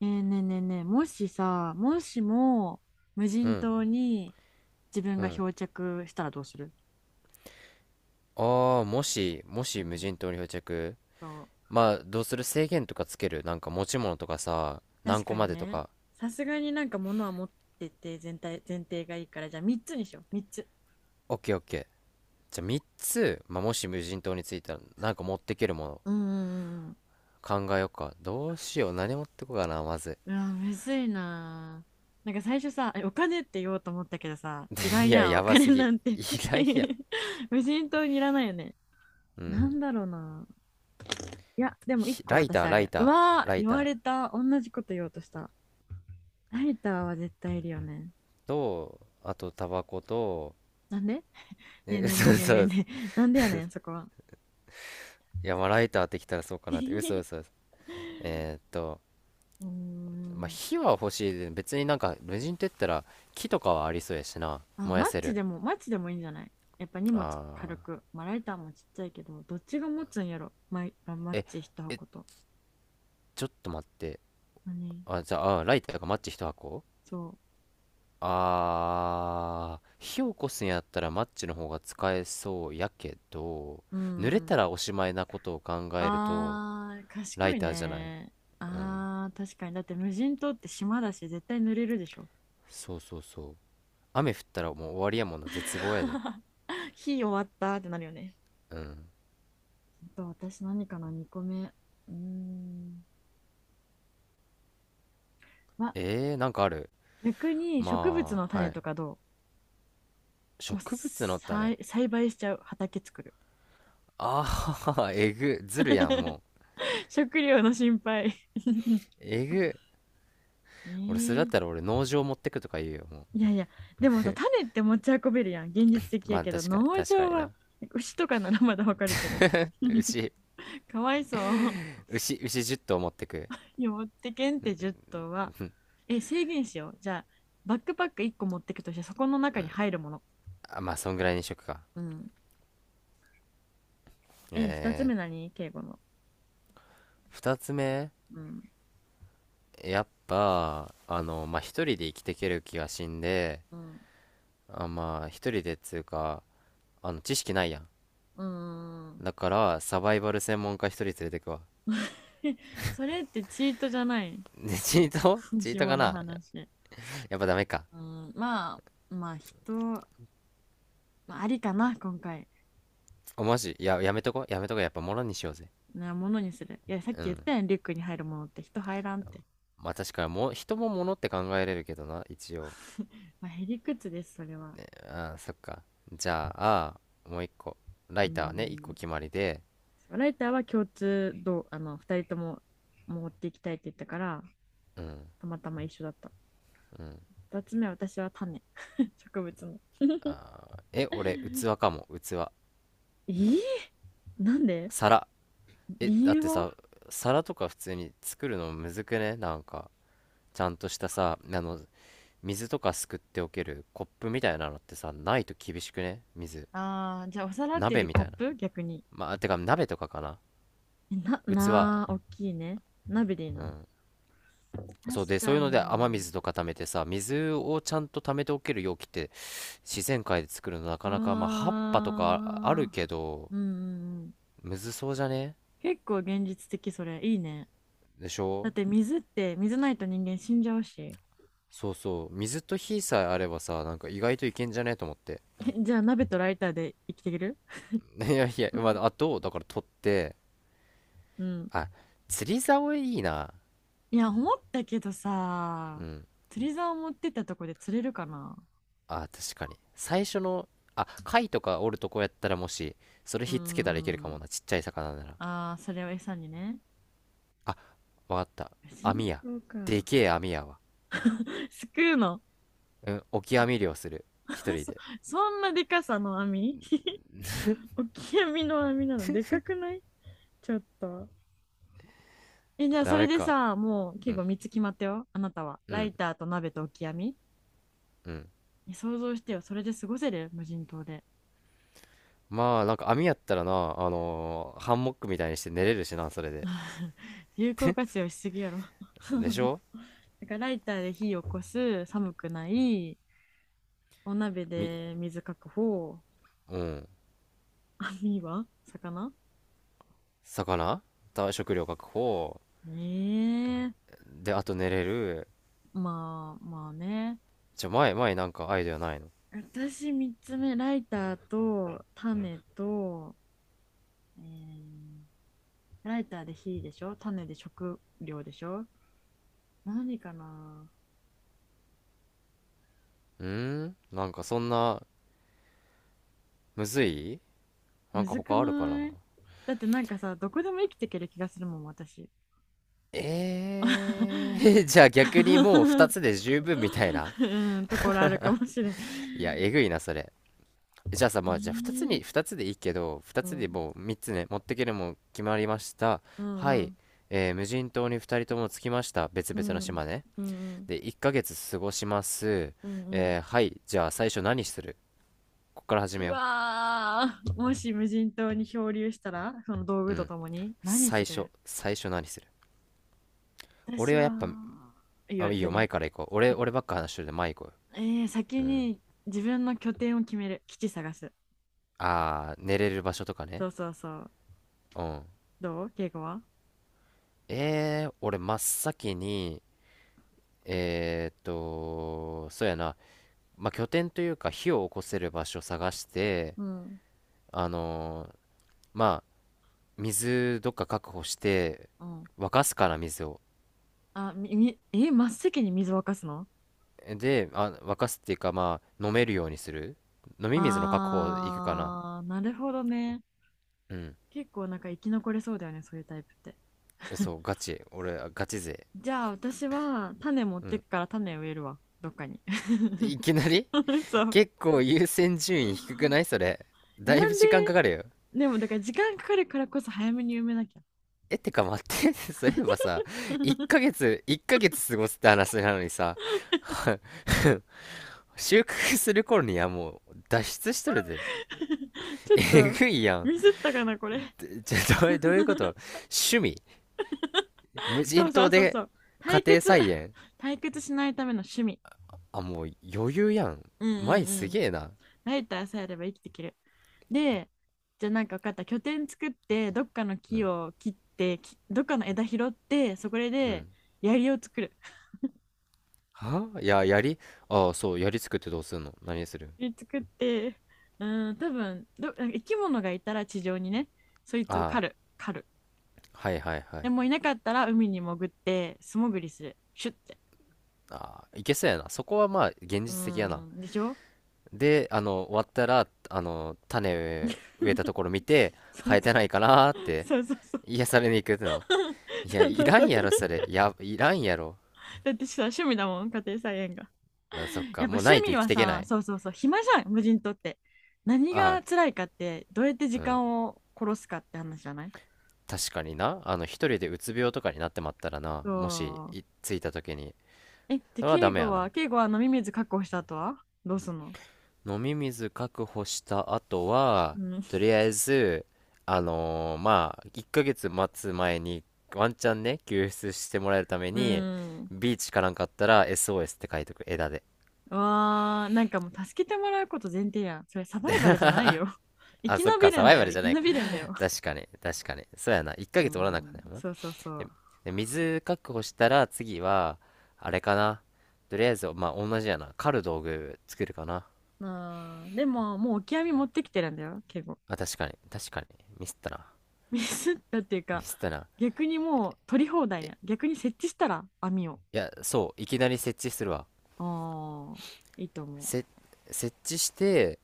ねえねえねえねえ、もしさ、もしも無う人ん、島に自分うがん。漂着したらどうする？ああ、もし、もうし無ん。人島に漂着。そう。まあ、どうする？制限とかつけるなんか、持ち物とかさ、何確個かまにでとね、か。さすがになんか物は持ってて全体、前提がいいから、じゃあ3つにしよう、3つ。オッケーオッケー。じゃあ3つ、まあ、もし無人島に着いたら、なんか持ってけるものうんうんうん。考えよっか。どうしよう。何持ってこうかな、まず。うわ、むずいなあ。なんか最初さ、お金って言おうと思ったけどさ、で、いらんいや、やん、おやばす金なぎ。んて。 いらいや。無人島にいらないよね。うなん。んだろうな。いや、でも1ひ個私あるや。うわー、ライ言わタれた。同じこと言おうとした。ライターは絶対いるよね。ーと、あと、タバコと、なんで？ねえ、えねえね嘘え嘘ねえねえ嘘。ねえ。なんでやねん、そこは。いや、まあ、ライターってきたらそうかなって。嘘う嘘嘘。えーっと、ーまあ、ん。火は欲しいで。別になんか無人って言ったら、木とかはありそうやしな、あ、燃やマッせチる。でも、マッチでもいいんじゃない？やっぱ荷物軽ああ、く。まあ、ライターもちっちゃいけど、どっちが持つんやろマイ、あマッえチ一え、箱と。ちょっと待って。何？あ、じゃあ、あー、ライターかマッチ一箱。そあー、火起こすんやったらマッチの方が使えそうやけど、う。うー濡れん。たらおしまいなことを考えると、あー、ラ賢イいターじゃない？ね。うん、あー、確かに。だって無人島って島だし、絶対濡れるでしょ。そうそうそう。雨降ったらもう終わりやもんな、絶望やで。 火終わったってなるよね。うん。と私何かな、2個目。うーん。ま、なんかある？逆に植物まのあ、は種い。とかどう？もう植物の種。栽培しちゃう。畑作る。あ、あー、えぐ、ずるやん、も う。食料の心配。 えぐ。え俺、それだっー、たら俺、農場持ってくとか言うよ、もいやいや、でもさ、種って持ち運べるやん。現実的う。まやあ、けど、確かに、農確か場にはな。牛とかならまだわかるけど。牛、かわいそう。牛10頭持ってく。いや持ってけんって10頭は。え、制限しよう。じゃあ、バックパック1個持ってくとして、そこの中に入るもの。あ、まあ、そんぐらいにしとくか。うん。え、2つえ目何、敬語の。二つ目、うんやっぱ、あの、まあ、一人で生きていける気がしんで、うんあ、まあ、一人でっつうか、あの、知識ないやん。うんうん。 だから、サバイバル専門家一人連れてくわ。それってチートじゃない？ で、チート チート紐かのな？話。やっぱダメか。うん。ままあ、まあ、人、まあ、ありかな、今回。お、マジ、いや、やめとこ、やめとこ、やっぱもろにしようぜ。なものにする。いや、さっうき言っん。たやん、リュックに入るものって人入らんって。 まあ確かにも人も物って考えれるけどな、一応。 まあ、へりくつです、それは。あー、そっか。じゃあ、もう一個。ラうイターね、一個ん。決まりで。ライターは共通度、二人とも持っていきたいって言ったから、うん、たまたま一緒だった。うん。二つ目は私は種。 植物の。 あー、え、俺器 かも、器、えー、なんで？皿。え、理だっ由ては？さ、皿とか普通に作るのむずくね？なんか、ちゃんとしたさ、あの、水とかすくっておけるコップみたいなのってさ、ないと厳しくね、水？ああ、じゃあお皿っていうよ鍋りみコたッいな、プ逆に。まあ、てか鍋とかかな。えな、器。なー、大きいね。鍋でいいな。うん。確そうで、そうかいうので雨に。水とか溜めてさ、水をちゃんと溜めておける容器って、自然界で作るのなかうわなか、まあ、葉っぱとかああるー。けど、うんうんうん。むずそうじゃね？結構現実的、それ。いいね。でしだっょ？て水って、水ないと人間死んじゃうし。そうそう。水と火さえあればさ、なんか意外といけんじゃねと思って。えじゃあ鍋とライターで生きていける？ いやいや、まあ、あと、だから取って、うん。あ、釣り竿いいな。いや、思ったけどうさ、ん。釣り竿持ってったとこで釣れるかな？あ、確かに。最初の、あ、貝とかおるとこやったらもし、それうーひっつけたらいけるかもん。な。ちっちゃい魚なら。ああ、それを餌にね。あ、わかった。シ網や。ンでか。けえ網やわ。すくうの。うん、オキアミ漁する。一あ人そで。そんなでかさの網？ 大きい網、 の網なの？でかくないちょっと。え、じゃあダそれメでか。さ、もうう結ん、構3つ決まったよ。あなたは。うラん、イターと鍋と置き網。うん。え想像してよ。それで過ごせる無人島で。まあ、なんか網やったらな、ハンモックみたいにして寝れるしな、それで。有効活用しすぎやろ。でし ょ？だからライターで火を起こす、寒くない、お鍋み、で水確保、うん。網は魚魚た食料確保。ねえ。で、あと寝れる。まあまあね。じゃ、前なんかアイデアないの？私3つ目、ライターと種と、えーライターで火でしょ、種で食料でしょ、何かな？うーん、なんかそんな、むずい。なむんかずく他あるかな？ない？だってなんかさ、どこでも生きていける気がするもん、私。 じゃあ逆にもう二つ で十分みたいな。うん、ところあるかもしれん。いや、えぐいな、それ。じゃあさ、えまあ、じゃあ2つーに、2つでいいけど、2うつでんもう3つね、持ってけるもん決まりました。うはんうい。ん無人島に2人とも着きました。別う々のん島ね。うんうんで、1ヶ月過ごします。うん。はい。じゃあ最初何する？こっから始うめよわー、もし無人島に漂流したらその道う。具うとん。ともに何す最初、る？最初何する？俺私はやは。っぱ、いやあ、いいよ、前何。から行こう。俺ばっか話してるんで、前行こえう先よ。うん。に自分の拠点を決める。基地探す。あー、寝れる場所とかね。そうそうそう。うん。どう敬語は？俺真っ先に、そうやな。まあ、拠点というか火を起こせる場所を探して、うん。あのーまあ、水どっか確保してうん。沸かすから水を。あ、み、み、え、真っ先に水を沸かすの？で、あ、沸かすっていうか、まあ、飲めるようにする。飲み水の確保いくかな。あー、なるほどね。うん。結構なんか生き残れそうだよね、そういうタイプって。そう ガチ、俺ガチ勢。じゃあ私は種持っうてん。くから種植えるわ、どっかに。いきなり？ そう。結構優先順位低くない、それ？えだいなぶんで、時間かかるよ。でもだから時間かかるからこそ早めに埋めなきゃ。ってか待って。 そういえばさ、1ヶ 月1ヶ月過ごすって話なのにさ、 収穫する頃にはもう脱出しとるで。ち ょっえとぐいやん。ミスったかな、これ。でじゃ、どういうこと？趣味？無そ人うそ島うそうで？そう。家退庭屈。菜 園。退屈しないための趣味。あ、もう余裕やん。うんうん前うすん。げえな。ライターさえあれば生きていける。で、じゃあなんか分かった。拠点作って、どっかのう木ん、を切って、どっかの枝拾って、そこうでん。槍を作る。はいや、やり、ああ、そう、やり作ってどうすんの？何する？槍作って、うん、多分なんか生き物がいたら地上にね、そいあつをあ、狩る。狩る。はいはいはでい。もいなかったら海に潜って、素潜りする。シュッて。ああ、いけそうやな。そこはまあ、現う実的やな。ん、でしょ。 で、あの、終わったら、あの、種 そう植えたところ見て、そう生えてないかなーって、そうそうそう。癒されに行くの。いや、そういそうらそんう。やろ、それ。や、いらんやろ。だってさ趣味だもん家庭菜園が。あ、そっか。やっぱもう趣ないと味生きはていけなさ、い。そうそうそう、暇じゃん無人島って。何あ、が辛いかって、どうやってう時ん。間を殺すかって話じゃない？確かにな。あの、一人でうつ病とかになってまったらな。そもし、う。着いた時に。えで、それはダ敬メ語やな。は敬語は飲み水確保した後はどうすんの？飲み水確保した後うは、んとりあえず、まあ、1ヶ月待つ前に、ワンチャンね、救出してもらえるためうに、ん。ビーチかなんかあったら SOS って書いとく、枝で。わー、なんかもう助けてもらうこと前提やん、それサバイバルじゃない よ。 生あ、きそっ延びか、サるんバイだバよ、ル生じゃなきい延か。びるんだよ。確かに、確かに。そうやな。1うヶ月おらなあかん、んやよな。そうそうそで、う。で水確保したら次は、あれかな。とりあえず、まあ、同じやな。狩る道具作るかな。まあー、でももうオキアミ持ってきてるんだよ敬語。まあ、確かに、確かに。ミスったな。ミスったっていうミか、スったな。逆にもう取り放題え、や。逆に設置したら網を。いや、そう、いきなり設置するわ。ああ、いいと思せ、設置して、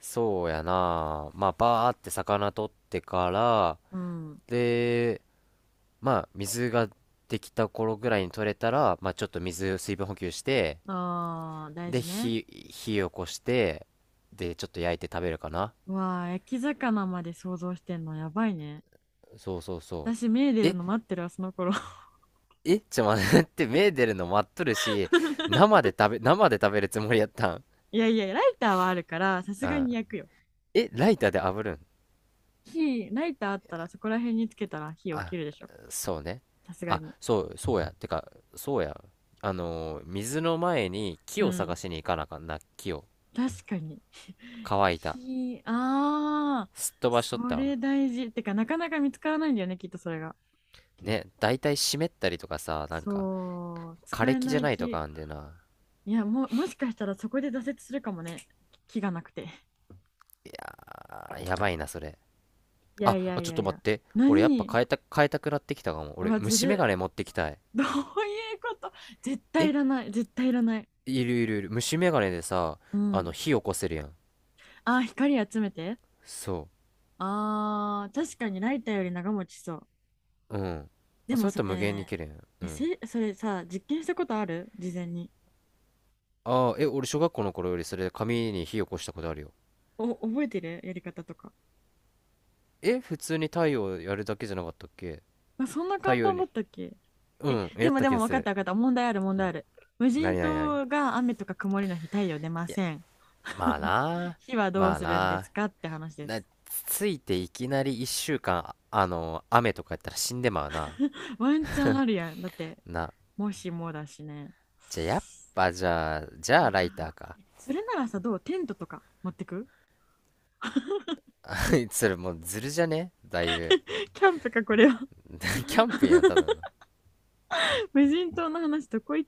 そうやな。まあ、バーって魚取ってから、う。うん。で、まあ、水ができた頃ぐらいに取れたら、まあ、ちょっと水分補給して、ああ、大で、事ね。火起こして、で、ちょっと焼いて食べるかな。うわあ、焼き魚まで想像してんのやばいね。そうそうそ私、目出う。るの待ってるわ、その頃。ちょ、待って、目出るの待っとるし、生で食べるつもりやったん。いやいや、ライターはあるから、さすうがん。に焼くよ。ライターで炙るん？火、ライターあったらそこら辺につけたら火起きあ、るでしょ。そうね。さすがあ、に。そうや。てか、そうや。水の前に木うを探ん。しに行かなあかんな、木を。確かに。乾いた。火、ああ、すっ飛ばしとっそたわ。れ大事。てか、なかなか見つからないんだよね、きっとそれが。ね、だいたい湿ったりとかさ、なんか、そう、枯使れえ木じなゃいないと気。かあんでな。いや、しかしたらそこで挫折するかもね。気がなくて。あーやばいな、それ。いやあ、いやあいちょっやとい待っや。て。俺やっぱ何？変えたくなってきたかも。俺、はず虫眼る。鏡持ってきたい。どういうこと？絶対えいらない。絶対いらない。いるいるいる。虫眼鏡でさ、うあの、ん。火起こせるやん。あー、光集めて。そあー、確かにライターより長持ちしそう。う。うん。であ、そもれやっそたら無限にれ、綺麗やん。うん。それさ、実験したことある事前に？ああ、俺小学校の頃よりそれで紙に火起こしたことあるよ。お、覚えてるやり方とか。え、普通に太陽やるだけじゃなかったっけ？あ、そんな太簡陽単だに、ったっけ？うえ、ん、やでっもたで気もが分すかっる。た分かった。問題ある問う題あん。る。無な人になになに？島が雨とか曇りの日、太陽出まいや、せん。まあ な。火はどうまあするんでな。すかって話でな、す。ついていきなり一週間、ああの、雨とかやったら死んでまうな。ワンチャンあるやん。だって、な、もしもだしね。じゃあ、やっぱじゃあ、じゃああライターか。ー、それならさ、どうテントとか持ってく？ それもうずるじゃね、だいぶ。キャンプか、これは。キャンプやんただの。 無人島の話、どこ行っ